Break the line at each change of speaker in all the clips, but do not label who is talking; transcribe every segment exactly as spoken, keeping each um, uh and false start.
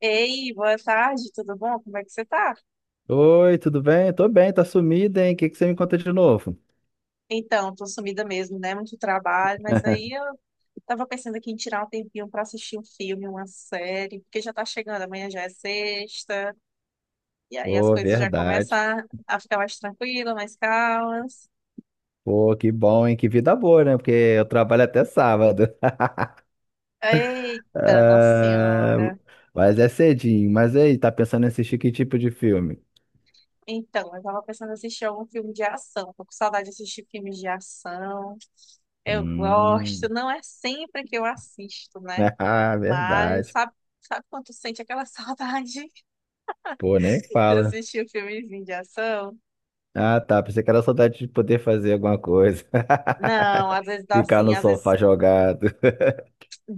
Ei, boa tarde, tudo bom? Como é que você tá?
Oi, tudo bem? Tô bem, tá sumida, hein? O que que você me conta de novo?
Então, tô sumida mesmo, né? Muito trabalho, mas aí eu tava pensando aqui em tirar um tempinho pra assistir um filme, uma série, porque já tá chegando, amanhã já é sexta, e aí as
Pô,
coisas já começam
verdade.
a a ficar mais tranquilas, mais calmas.
Pô, que bom, hein? Que vida boa, né? Porque eu trabalho até sábado.
Eita, nossa
Ah,
senhora.
mas é cedinho. Mas e aí, tá pensando em assistir que tipo de filme?
Então, eu tava pensando em assistir algum filme de ação, tô com saudade de assistir filmes de ação. Eu gosto,
Hum,
não é sempre que eu assisto, né?
ah,
Mas
verdade.
sabe, sabe quando tu sente aquela saudade
Pô, nem
de
fala.
assistir um filmezinho de ação?
Ah, tá. Pensei que era saudade de poder fazer alguma coisa.
Não, às vezes dá
Ficar
assim,
no
às vezes
sofá jogado.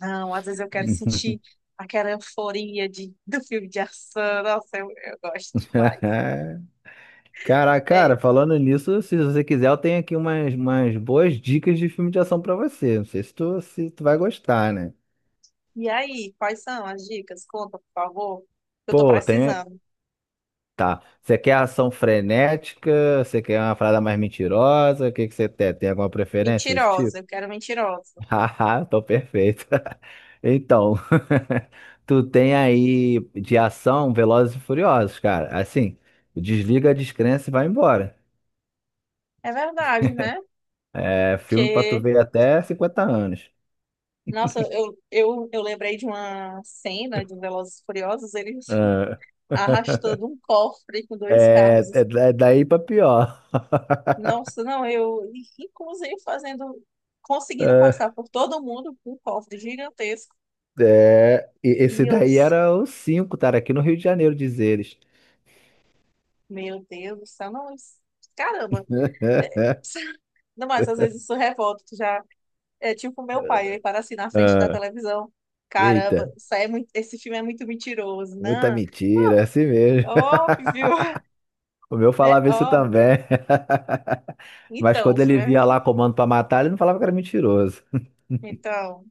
não, às vezes eu quero sentir aquela euforia de, do filme de ação. Nossa, eu, eu gosto demais.
Cara,
É,
cara, falando nisso, se você quiser, eu tenho aqui umas, umas boas dicas de filme de ação pra você. Não sei se tu, se tu vai gostar, né?
e aí, quais são as dicas? Conta, por favor. Que Eu tô
Pô, tem.
precisando.
Tá. Você quer ação frenética? Você quer uma parada mais mentirosa? O que que você tem? Tem alguma preferência desse
Mentirosa,
tipo?
eu quero mentirosa.
Haha, tô perfeito. Então, tu tem aí de ação Velozes e Furiosos, cara. Assim, desliga a descrença e vai embora.
É verdade, né?
É filme pra tu
Porque,
ver até cinquenta anos.
nossa, eu, eu, eu lembrei de uma cena de Velozes e Furiosos, eles
É.
arrastando um cofre com dois
É,
carros.
é da- é daí pra pior.
Nossa, não, eu, inclusive, fazendo, conseguindo
É,
passar por todo mundo com um cofre gigantesco.
é, e esse
E eu,
daí era o cinco, cara, aqui no Rio de Janeiro, diz eles.
meu Deus do céu, não, isso- caramba. Não, mas às vezes isso revolta, tu já é tipo meu pai, ele para assim na frente da
Ah,
televisão. Caramba,
eita,
isso aí é muito, esse filme é muito mentiroso,
muita
não? Ó,
mentira, é assim mesmo.
Óbvio,
O meu
é
falava isso
óbvio, né?
também. Mas
Então, o
quando
filme
ele
é
via lá
mentiroso.
comando pra matar, ele não falava que era mentiroso.
Então,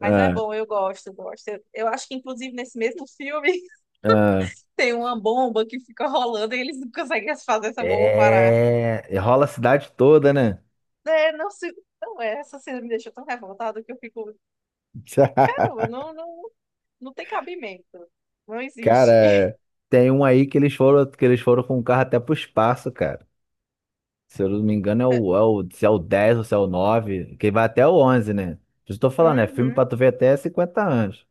mas é
Ah,
bom, eu gosto, eu gosto. Eu, eu acho que, inclusive, nesse mesmo filme.
ah.
Tem uma bomba que fica rolando e eles não conseguem fazer essa bomba parar.
É, rola a cidade toda, né?
É, não sei. Não, é, essa cena me deixou tão revoltada que eu fico. Caramba, não, não, não tem cabimento. Não existe.
Cara, tem um aí que eles foram, que eles foram com o carro até pro espaço, cara. Se eu não me engano, é o, é o, se é o dez ou se é o nove, que vai até o onze, né? Por eu tô falando, é filme
Uhum,
pra tu ver até cinquenta anos.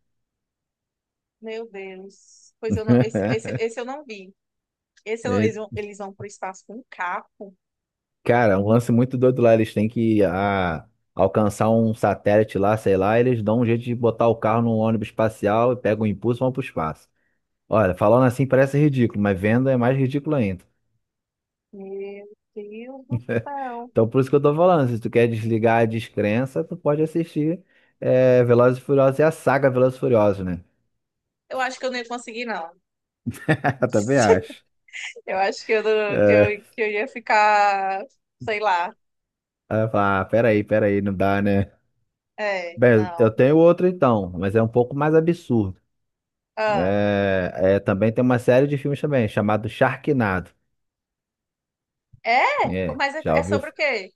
meu Deus. Pois eu não. Esse, esse, esse eu não vi. Esse eu não-
É,
Eles vão, eles vão pro espaço com um carro.
cara, é um lance muito doido lá. Eles têm que ah, alcançar um satélite lá, sei lá, eles dão um jeito de botar o carro num ônibus espacial e pegam o impulso e vão pro espaço. Olha, falando assim parece ridículo, mas vendo é mais ridículo ainda.
Meu Deus do céu.
Então por isso que eu tô falando, se tu quer desligar a descrença, tu pode assistir é, Velozes e Furiosos e a saga Velozes e Furiosos, né?
Eu acho que eu não ia conseguir, não.
Eu também acho.
Eu acho que eu, não- que eu, que eu ia ficar, sei lá.
Aí eu falo, ah, peraí, peraí, não dá, né?
É,
Bem,
não.
eu tenho outro então, mas é um pouco mais absurdo.
Ah.
É, é, também tem uma série de filmes também, chamado Sharknado.
É?
É,
Mas é,
já
é
ouviu?
sobre o quê?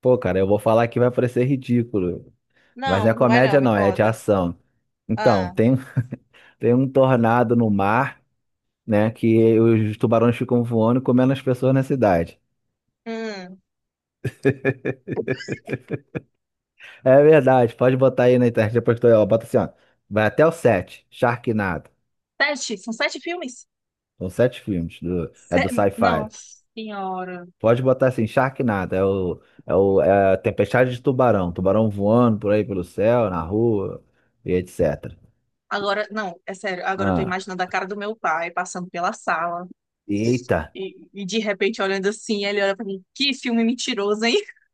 Pô, cara, eu vou falar que vai parecer ridículo, mas não é
Não, não vai não,
comédia
me
não, é de
conta.
ação. Então,
Ah,
tem, tem um tornado no mar, né, que os tubarões ficam voando e comendo as pessoas na cidade.
hum.
É verdade, pode botar aí na internet depois que tu, ó, bota assim, ó, vai até o sete, Sharknado.
Sete, são sete filmes?
São sete filmes. Do- é do
Se-
sci-fi.
Nossa senhora.
Pode botar assim, Sharknado. É o, é o, é a Tempestade de Tubarão. Tubarão voando por aí pelo céu, na rua, e etcétera.
Agora, não, é sério, agora eu tô
Ah,
imaginando a cara do meu pai passando pela sala
eita.
e, e de repente olhando assim, ele olha pra mim, que filme mentiroso, hein?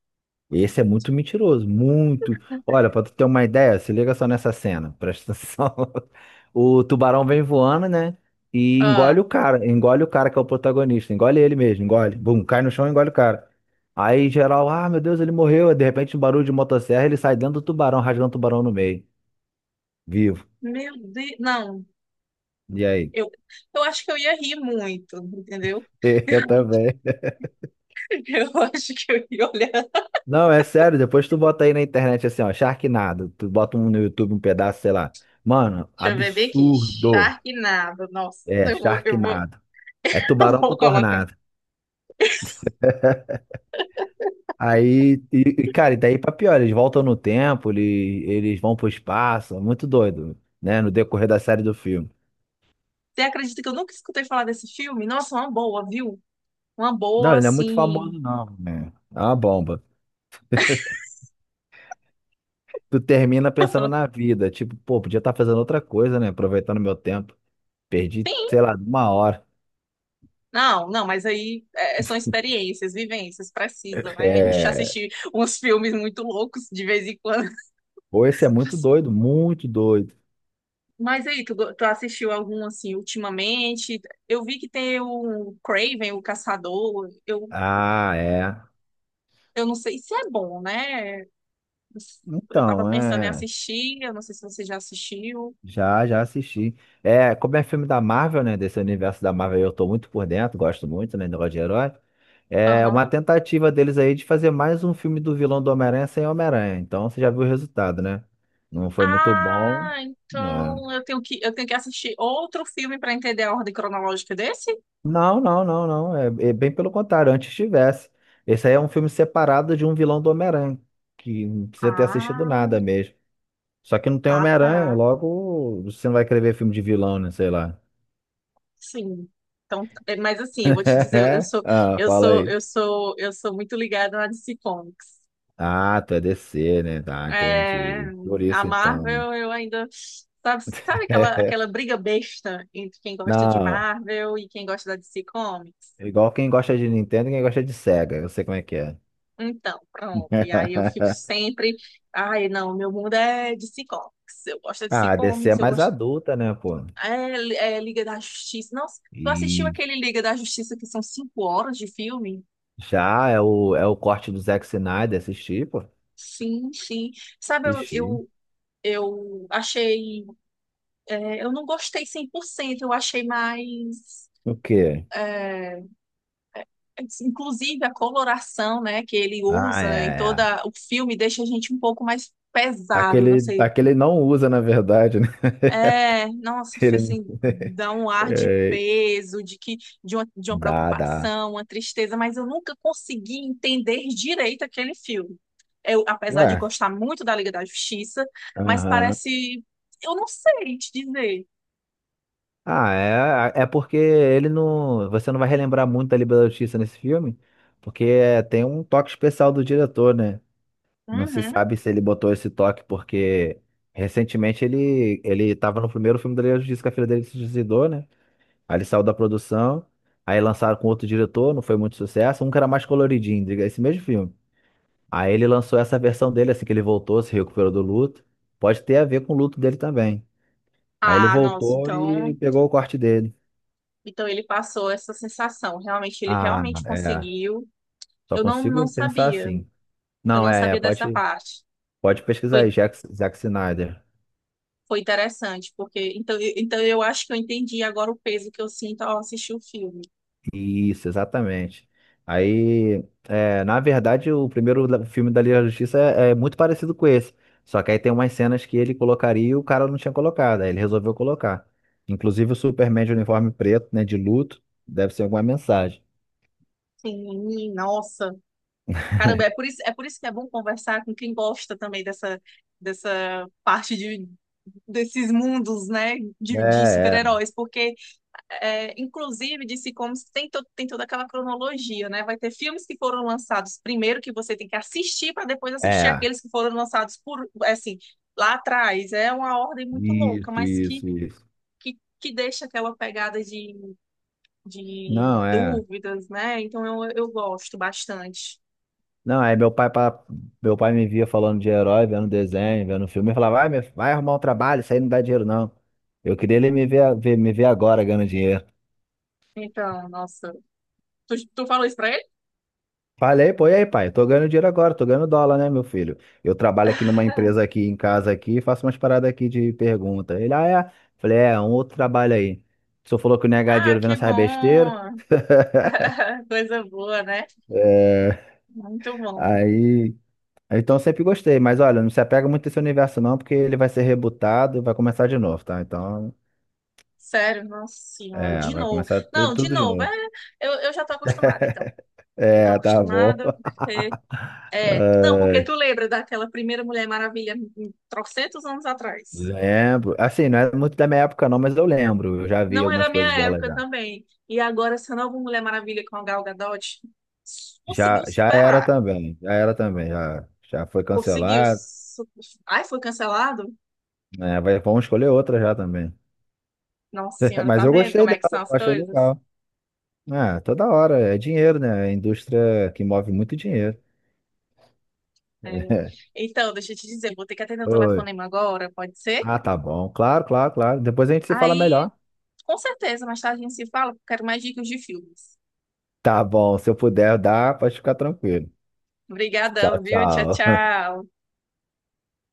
Esse é muito mentiroso, muito. Olha, pra tu ter uma ideia, se liga só nessa cena, presta atenção. O tubarão vem voando, né? E
Ah,
engole o cara, engole o cara que é o protagonista, engole ele mesmo, engole. Bum, cai no chão e engole o cara. Aí geral, ah, meu Deus, ele morreu. Aí, de repente, um barulho de motosserra, ele sai dentro do tubarão, rasgando o tubarão no meio, vivo.
meu Deus, não,
E aí?
eu, eu acho que eu ia rir muito, entendeu?
Eu também.
Eu acho que eu ia olhar. Deixa
Não, é sério, depois tu bota aí na internet assim, ó, Sharknado, tu bota um no YouTube um pedaço, sei lá. Mano,
eu ver bem aqui,
absurdo.
Sharknado, nossa,
É,
eu vou, eu vou,
Sharknado. É
eu
tubarão com
vou colocar.
tornado. Aí, e, e, cara, e daí pra pior, eles voltam no tempo, ele- eles vão pro espaço, é muito doido, né? No decorrer da série do filme.
Você acredita que eu nunca escutei falar desse filme? Nossa, uma boa, viu? Uma
Não,
boa,
ele não é muito famoso,
assim.
não, né? É uma bomba. Tu termina pensando
Ela,
na vida, tipo, pô, podia estar fazendo outra coisa, né? Aproveitando meu tempo. Perdi,
Tem.
sei lá, uma hora.
Não, não, mas aí é, é, são experiências, vivências, precisa, né? A gente já
É...
assistiu uns filmes muito loucos de vez em quando.
Pô, esse é muito doido, muito doido.
Mas aí, tu, go- tu assistiu algum, assim, ultimamente? Eu vi que tem o Craven, o Caçador. Eu,
Ah, é.
eu não sei se é bom, né? Eu tava
Então,
pensando em
é.
assistir, eu não sei se você já assistiu.
Já, já assisti. É, como é filme da Marvel, né? Desse universo da Marvel, eu tô muito por dentro, gosto muito, né? Negócio de herói. É uma
Aham.
tentativa deles aí de fazer mais um filme do vilão do Homem-Aranha sem Homem-Aranha. Então você já viu o resultado, né? Não foi muito bom.
Ah,
Né?
então eu tenho que, eu tenho que assistir outro filme para entender a ordem cronológica desse?
Não, não, não, não. É, é bem pelo contrário, antes tivesse. Esse aí é um filme separado de um vilão do Homem-Aranha, que não precisa ter assistido
Ah,
nada mesmo. Só que não tem
ah,
Homem-Aranha,
tá.
logo você não vai querer ver filme de vilão, né? Sei lá.
Sim. Então, é, mas assim, eu vou te dizer, eu sou,
Ah,
eu
fala
sou,
aí.
eu sou, eu sou muito ligada na D C Comics.
Ah, tu é D C, né? Tá,
É,
entendi. Por
a
isso então.
Marvel, eu ainda sabe, sabe aquela, aquela briga besta entre quem gosta de
Não,
Marvel e quem gosta da D C Comics?
igual quem gosta de Nintendo, e quem gosta de Sega, eu sei como é que é.
Então, pronto. E aí eu fico sempre. Ai, não, meu mundo é de sitcoms. Eu gosto é de
Ah, a D C é
sitcoms, eu
mais
gosto.
adulta, né, pô?
É, é Liga da Justiça. Nossa, tu assistiu
E
aquele Liga da Justiça que são cinco horas de filme?
já é o, é o corte do Zack Snyder, assisti, pô.
Sim, sim. Sabe, eu,
Assisti.
eu, eu achei. É, eu não gostei cem por cento, eu achei mais.
O quê?
Inclusive a coloração, né, que ele
Ah,
usa em
é,
toda
é.
o filme deixa a gente um pouco mais pesado. Não
Aquele,
sei.
aquele não usa, na verdade, né?
É, nossa, foi
Ele.
assim, dá um ar de
É,
peso, de que de uma, de uma
dá, dá.
preocupação, uma tristeza, mas eu nunca consegui entender direito aquele filme. Eu, apesar de
Ué,
gostar muito da Liga da Justiça, mas
aham.
parece, eu não sei te dizer.
Ah, é, é porque ele não. Você não vai relembrar muito da Liga da Justiça nesse filme, porque é, tem um toque especial do diretor, né? Não se
Uhum.
sabe se ele botou esse toque porque recentemente ele ele estava no primeiro filme da Liga da Justiça que a filha dele se suicidou, né? Aí ele saiu da produção, aí lançaram com outro diretor, não foi muito sucesso, um que era mais coloridinho, diga, esse mesmo filme. Aí ele lançou essa versão dele, assim que ele voltou, se recuperou do luto. Pode ter a ver com o luto dele também. Aí ele
Ah, nossa,
voltou e
então,
pegou o corte dele.
então ele passou essa sensação. Realmente, ele
Ah,
realmente
é.
conseguiu.
Só
Eu não, não
consigo pensar
sabia.
assim.
Eu
Não,
não
é, é,
sabia dessa
pode,
parte.
pode pesquisar
Foi
aí, Jack, Zack Snyder.
Foi interessante, porque então, eu- então eu acho que eu entendi agora o peso que eu sinto ao assistir o filme.
Isso, exatamente. Aí, é, na verdade, o primeiro da- filme da Liga da Justiça é, é muito parecido com esse. Só que aí tem umas cenas que ele colocaria e o cara não tinha colocado. Aí ele resolveu colocar. Inclusive o Superman de uniforme preto, né, de luto, deve ser alguma mensagem.
Sim, nossa. Caramba, é por isso, é por isso que é bom conversar com quem gosta também dessa, dessa parte de, desses mundos, né, de, de
É,
super-heróis, porque, é, inclusive, de Comics tem, to, tem toda aquela cronologia, né? Vai ter filmes que foram lançados primeiro que você tem que assistir para depois
é,
assistir
é.
aqueles que foram lançados por, assim, lá atrás. É uma ordem muito louca,
Isso,
mas que
isso, isso.
que, que deixa aquela pegada de, de
Não, é.
dúvidas, né? Então eu, eu gosto bastante.
Não, aí meu pai, pa- meu pai me via falando de herói, vendo desenho, vendo filme, e falava, vai, meu- vai arrumar um trabalho, isso aí não dá dinheiro, não. Eu queria ele me ver, ver- me ver agora ganhando dinheiro.
Então, nossa, tu, tu falou isso pra ele?
Falei, pô, e aí, pai? Eu tô ganhando dinheiro agora, tô ganhando dólar, né, meu filho? Eu trabalho aqui numa empresa aqui em casa aqui, faço umas paradas aqui de pergunta. Ele, ah, é? Falei, é, um outro trabalho aí. O senhor falou que não ia ganhar
Ah,
dinheiro vendo
que
essas besteiras.
bom! Coisa boa, né?
É,
Muito bom.
aí. Então eu sempre gostei, mas olha, não se apega muito a esse universo, não, porque ele vai ser rebutado e vai começar de novo, tá? Então.
Sério, nossa senhora,
É,
de
vai
novo.
começar tu-
Não, de
tudo de
novo, é,
novo.
eu, eu já tô acostumada, então. Eu tô
É, tá bom.
acostumada porque. É, não, porque
Ai,
tu lembra daquela primeira Mulher Maravilha, hum, hum, trocentos anos atrás.
lembro. Assim, não é muito da minha época, não, mas eu lembro. Eu já vi
Não é da
algumas
minha
coisas dela
época
já.
também. E agora essa nova Mulher Maravilha com a Gal Gadot
Já,
conseguiu
já era
superar.
também. Já era também. Já, já foi
Conseguiu.
cancelado.
Su- Ai, foi cancelado?
É, vai, vamos escolher outra já também.
Nossa senhora,
Mas
tá
eu
vendo
gostei
como é
dela,
que são
eu
as
achei
coisas?
legal. É, toda hora. É dinheiro, né? É indústria que move muito dinheiro.
É. Então, deixa eu te dizer, vou ter que atender o
Oi.
telefonema agora, pode ser?
Ah, tá bom. Claro, claro, claro. Depois a gente se fala
Aí,
melhor.
com certeza, mais tarde a gente se fala, porque eu quero mais dicas de filmes.
Tá bom. Se eu puder dar, pode ficar tranquilo. Tchau,
Obrigadão, viu? Tchau,
tchau.
tchau.